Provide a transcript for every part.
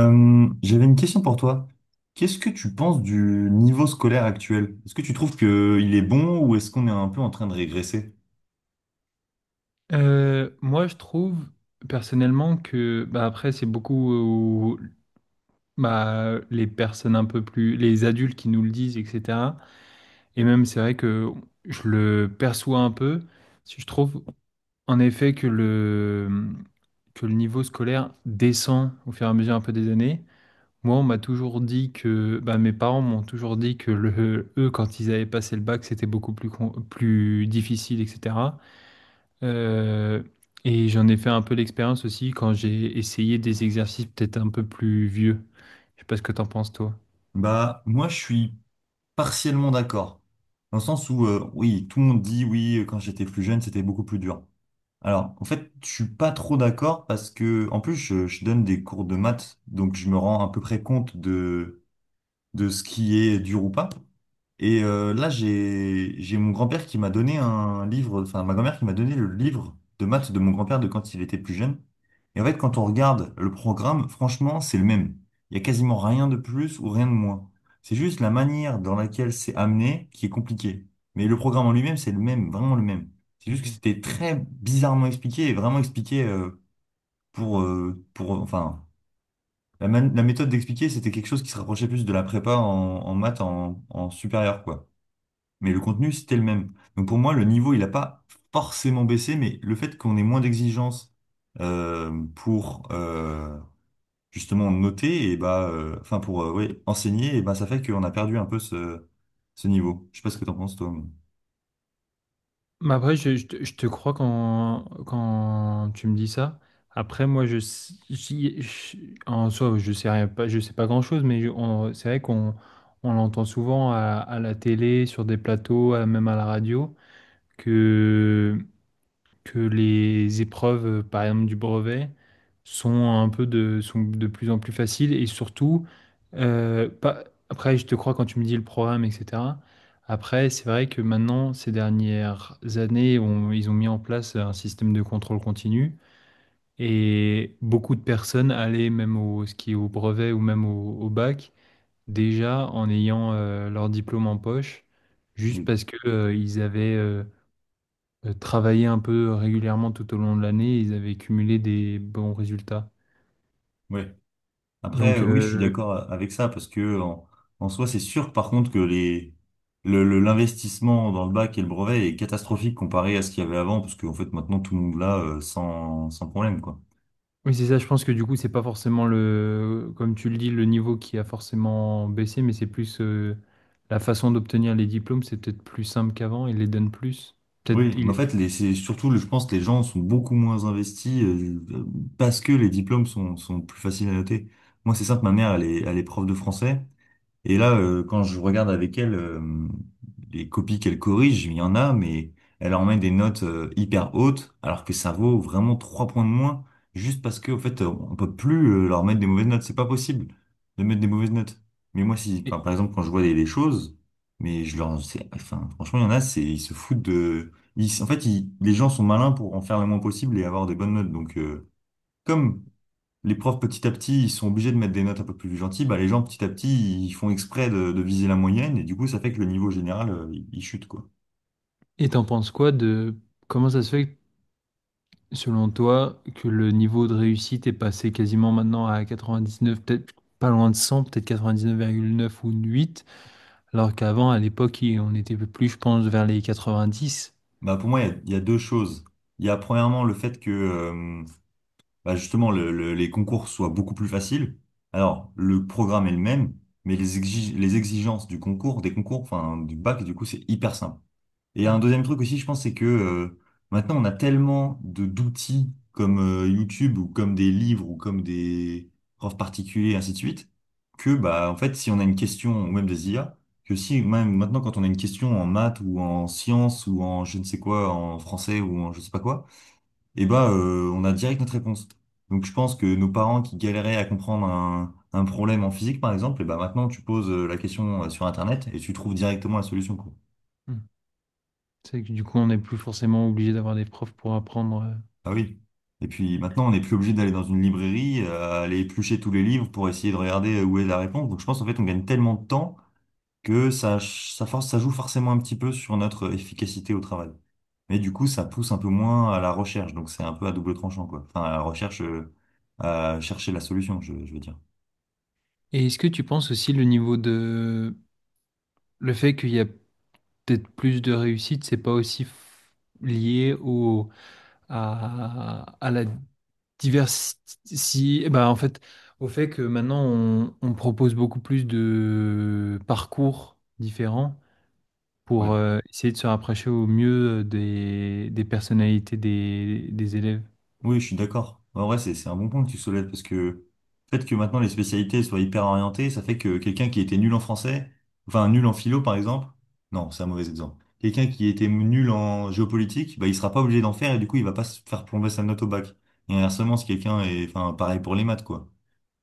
J'avais une question pour toi. Qu'est-ce que tu penses du niveau scolaire actuel? Est-ce que tu trouves qu'il est bon ou est-ce qu'on est un peu en train de régresser? Moi, je trouve personnellement que, bah, après, c'est beaucoup bah, les personnes un peu plus, les adultes qui nous le disent, etc. Et même, c'est vrai que je le perçois un peu. Si je trouve, en effet, que le niveau scolaire descend au fur et à mesure un peu des années. Moi, on m'a toujours dit que, bah, mes parents m'ont toujours dit que eux, quand ils avaient passé le bac, c'était beaucoup plus, plus difficile, etc. Euh, et j'en ai fait un peu l'expérience aussi quand j'ai essayé des exercices peut-être un peu plus vieux. Je sais pas ce que t'en penses, toi. Bah, moi, je suis partiellement d'accord. Dans le sens où, oui, tout le monde dit, oui, quand j'étais plus jeune, c'était beaucoup plus dur. Alors, en fait, je suis pas trop d'accord parce que, en plus, je donne des cours de maths, donc je me rends à peu près compte de ce qui est dur ou pas. Et là, j'ai mon grand-père qui m'a donné un livre, enfin ma grand-mère qui m'a donné le livre de maths de mon grand-père de quand il était plus jeune. Et en fait, quand on regarde le programme, franchement, c'est le même. Il n'y a quasiment rien de plus ou rien de moins. C'est juste la manière dans laquelle c'est amené qui est compliquée. Mais le programme en lui-même, c'est le même, vraiment le même. C'est juste que Ok. c'était très bizarrement expliqué et vraiment expliqué. Pour, euh, pour, enfin, la la méthode d'expliquer, c'était quelque chose qui se rapprochait plus de la prépa en maths en supérieur, quoi. Mais le contenu, c'était le même. Donc pour moi, le niveau, il n'a pas forcément baissé, mais le fait qu'on ait moins d'exigences pour justement noter, et bah, enfin pour ouais, enseigner, et bah, ça fait qu'on a perdu un peu ce niveau. Je sais pas ce que t'en penses, toi. Mais après, je te crois quand tu me dis ça. Après, moi, je, s- j'y- je- en soi, je sais rien, pas, je sais pas grand-chose, mais c'est vrai qu'on on l'entend souvent à la télé, sur des plateaux, même à la radio, que que les épreuves, par exemple, du brevet, sont sont de plus en plus faciles et surtout, pas, après, je te crois quand tu me dis le programme, etc. Après, c'est vrai que maintenant, ces dernières années, ils ont mis en place un système de contrôle continu et beaucoup de personnes allaient même au ski, au brevet ou même au bac, déjà en ayant leur diplôme en poche, juste Oui. parce que ils avaient travaillaient un peu régulièrement tout au long de l'année, ils avaient cumulé des bons résultats. Ouais. Après, Donc oui, je suis euh, d'accord avec ça, parce que en soi, c'est sûr, par contre, que les. L'investissement dans le bac et le brevet est catastrophique comparé à ce qu'il y avait avant, parce qu'en fait maintenant tout le monde l'a sans problème, quoi. oui, c'est ça, je pense que du coup, c'est pas forcément le, comme tu le dis, le niveau qui a forcément baissé, mais c'est plus la façon d'obtenir les diplômes, c'est peut-être plus simple qu'avant, ils les donnent plus. Peut-être Oui, mais il... en fait, les, c'est surtout, le- je pense que les gens sont beaucoup moins investis parce que les diplômes sont plus faciles à noter. Moi, c'est simple, ma mère, elle est prof de français. Et là, quand je regarde avec elle les copies qu'elle corrige, il y en a, mais elle en met des notes hyper hautes, alors que ça vaut vraiment trois points de moins, juste parce que, en fait, on peut plus leur mettre des mauvaises notes. C'est pas possible de mettre des mauvaises notes. Mais moi, si, Et enfin, par exemple, quand je vois des choses, enfin, franchement, il y en a, c'est, ils se foutent de, ils- en fait, ils- les gens sont malins pour en faire le moins possible et avoir des bonnes notes. Donc, comme les profs petit à petit, ils sont obligés de mettre des notes un peu plus gentilles. Bah, les gens petit à petit, ils font exprès de viser la moyenne et du coup, ça fait que le niveau général, il chute quoi. T'en penses quoi de comment ça se fait, selon toi, que le niveau de réussite est passé quasiment maintenant à quatre-vingt-dix-neuf neuf peut-être pas loin de cent, peut-être quatre-vingt-dix-neuf virgule neuf ou huit. Alors qu'avant, à l'époque, on était plus, je pense, vers les 90. Bah, pour moi, il y a deux choses. Il y a premièrement le fait que bah, justement les concours soient beaucoup plus faciles. Alors, le programme est le même, mais les exigences du concours, des concours, enfin du bac, du coup, c'est hyper simple. Et un Mm, deuxième truc aussi, je pense, c'est que maintenant, on a tellement de d'outils comme YouTube ou comme des livres ou comme des profs particuliers, ainsi de suite, que bah en fait, si on a une question ou même des IA, que si même maintenant, quand on a une question en maths ou en sciences ou en je ne sais quoi, en français ou en je sais pas quoi, et bah on a direct notre réponse. Donc je pense que nos parents qui galéraient à comprendre un problème en physique, par exemple, et bah maintenant, tu poses la question sur Internet et tu trouves directement la solution, quoi. mm. C'est que du coup, on n'est plus forcément obligé d'avoir des profs pour apprendre. Ah oui. Et puis maintenant, on n'est plus obligé d'aller dans une librairie, aller éplucher tous les livres pour essayer de regarder où est la réponse. Donc je pense en fait on gagne tellement de temps que ça, ch- ça, force, ça joue forcément un petit peu sur notre efficacité au travail. Mais du coup, ça pousse un peu moins à la recherche. Donc c'est un peu à double tranchant, quoi. Enfin, à la recherche, à chercher la solution, je veux dire. Et est-ce que tu penses aussi le niveau de... Le fait qu'il y a peut-être plus de réussite, c'est pas aussi lié au... à la diversité... Bah, en fait, au fait que maintenant, on propose beaucoup plus de parcours différents pour On essayer de se rapprocher au mieux des personnalités des élèves. Oui, je suis d'accord. En vrai, c'est un bon point que tu soulèves parce que le fait que maintenant les spécialités soient hyper orientées, ça fait que quelqu'un qui était nul en français, enfin nul en philo par exemple, non, c'est un mauvais exemple. Quelqu'un qui était nul en géopolitique, bah, il sera pas obligé d'en faire et du coup, il va pas se faire plomber sa note au bac. Et inversement, si quelqu'un est, enfin, pareil pour les maths, quoi.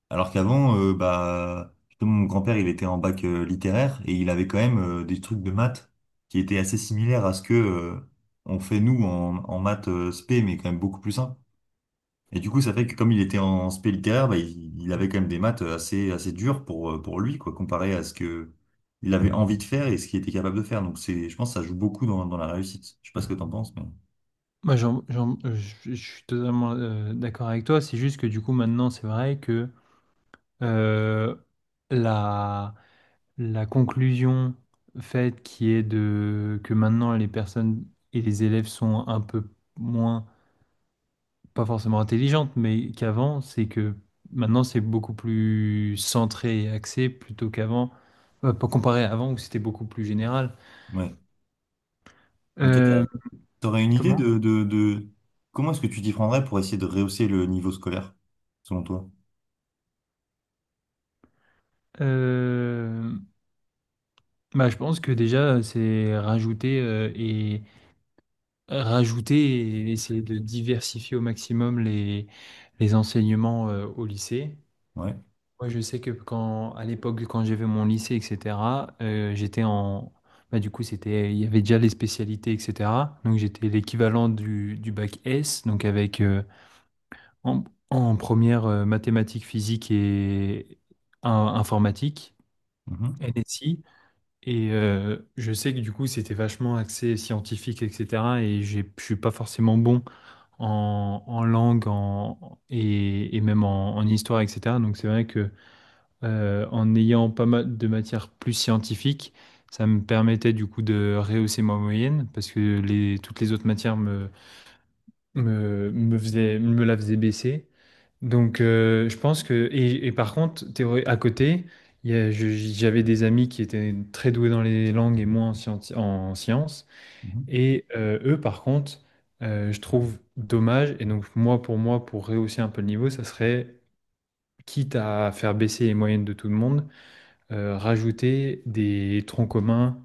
Alors qu'avant, bah, justement, mon grand-père, il était en bac littéraire et il avait quand même des trucs de maths qui étaient assez similaires à ce que on fait nous en maths spé, mais quand même beaucoup plus simple. Et du coup, ça fait que comme il était en spé littéraire, bah, il avait quand même des maths assez dures pour lui, quoi, comparé à ce que il avait envie de faire et ce qu'il était capable de faire. Donc c'est, je pense, que ça joue beaucoup dans la réussite. Je sais pas ce que t'en penses, mais Moi, je suis totalement d'accord avec toi. C'est juste que du coup, maintenant, c'est vrai que euh, la, la conclusion faite qui est de que maintenant les personnes et les élèves sont un peu moins, pas forcément intelligentes, mais qu'avant, c'est que maintenant c'est beaucoup plus centré et axé plutôt qu'avant, pas comparé à avant où c'était beaucoup plus général. ouais. Mais toi, Euh, t'aurais une idée Comment? de comment est-ce que tu t'y prendrais pour essayer de rehausser le niveau scolaire, selon toi? Euh, Bah, je pense que déjà, c'est rajouter rajouter et essayer de diversifier au maximum les enseignements au lycée. Ouais. Moi, je sais que quand, à l'époque, quand j'avais mon lycée, etc., euh, j'étais en, bah, du coup, c'était, il y avait déjà les spécialités, etc. Donc, j'étais l'équivalent du bac S, donc avec en, en première mathématiques, physique et informatique, Mhm. NSI. Et je sais que du coup, c'était vachement axé scientifique, etc. Et je suis pas forcément bon en langue et même en histoire, etc. Donc c'est vrai que en ayant pas mal de matières plus scientifiques, ça me permettait du coup de rehausser ma moyenne parce que toutes les autres matières me la faisaient baisser. Donc, je pense que. Et par contre, théorie, à côté, il y a- je- j'avais des amis qui étaient très doués dans les langues et moi en sciences. Mhm. Et eux, par contre, je trouve dommage. Et donc, moi, pour rehausser un peu le niveau, ça serait, quitte à faire baisser les moyennes de tout le monde, rajouter des troncs communs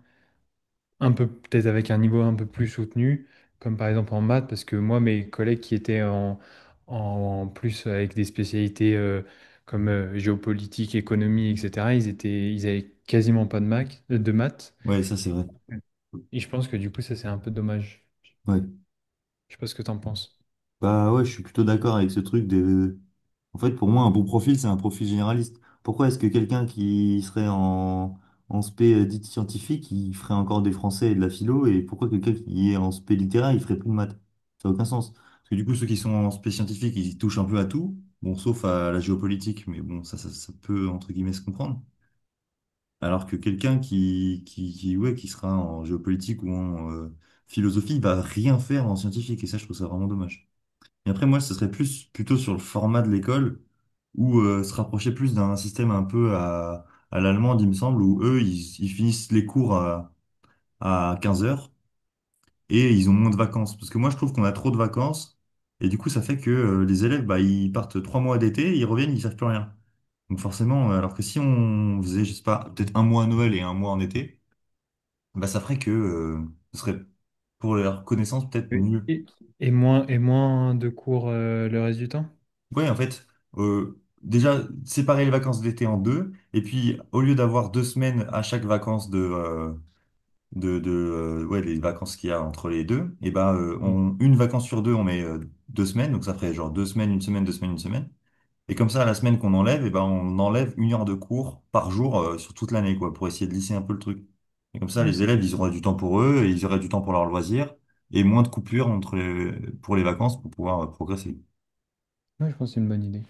un peu peut-être avec un niveau un peu plus soutenu, comme par exemple en maths, parce que moi, mes collègues qui étaient en plus avec des spécialités comme géopolitique, économie, etc., ils avaient quasiment pas de maths, de maths. Ouais, ça c'est vrai. Et je pense que du coup, ça, c'est un peu dommage. Ouais. Je sais pas ce que t'en penses. Bah ouais, je suis plutôt d'accord avec ce truc des En fait, pour moi, un bon profil, c'est un profil généraliste. Pourquoi est-ce que quelqu'un qui serait en spé dite scientifique, il ferait encore des français et de la philo, et pourquoi quelqu'un qui est en spé littéraire, il ferait plus de maths? Ça n'a aucun sens. Parce que du coup, ceux qui sont en spé scientifique, ils touchent un peu à tout, bon, sauf à la géopolitique, mais bon, ça peut, entre guillemets, se comprendre. Alors que quelqu'un qui sera en géopolitique ou en philosophie, il va rien faire en scientifique, et ça, je trouve ça vraiment dommage. Et après, moi, ce serait plus plutôt sur le format de l'école, où se rapprocher plus d'un système un peu à l'allemande, il me semble, où eux, ils finissent les cours à 15h et ils ont moins de vacances. Parce que moi, je trouve qu'on a trop de vacances, et du coup, ça fait que les élèves, bah, ils partent 3 mois d'été, ils reviennent, ils savent plus rien. Donc forcément, alors que si on faisait, je sais pas, peut-être un mois à Noël et un mois en été, bah, ça ferait que ce serait pour leur connaissance peut-être Oui. mieux. Et moins de cours le reste du temps? Ouais, en fait, déjà, séparer les vacances d'été en deux, et puis au lieu d'avoir 2 semaines à chaque vacances les vacances qu'il y a entre les deux, et ben, Oui, une vacance sur deux, on met deux semaines, donc ça ferait genre deux semaines, une semaine, deux semaines, une semaine. Et comme ça, la semaine qu'on enlève, et ben, on enlève une heure de cours par jour sur toute l'année, quoi, pour essayer de lisser un peu le truc. Et comme ça, Ouais, les élèves, ils auraient du temps pour eux, et ils auraient du temps pour leurs loisirs, et moins de coupures pour les vacances pour pouvoir progresser. ouais, je pense que c'est une bonne idée.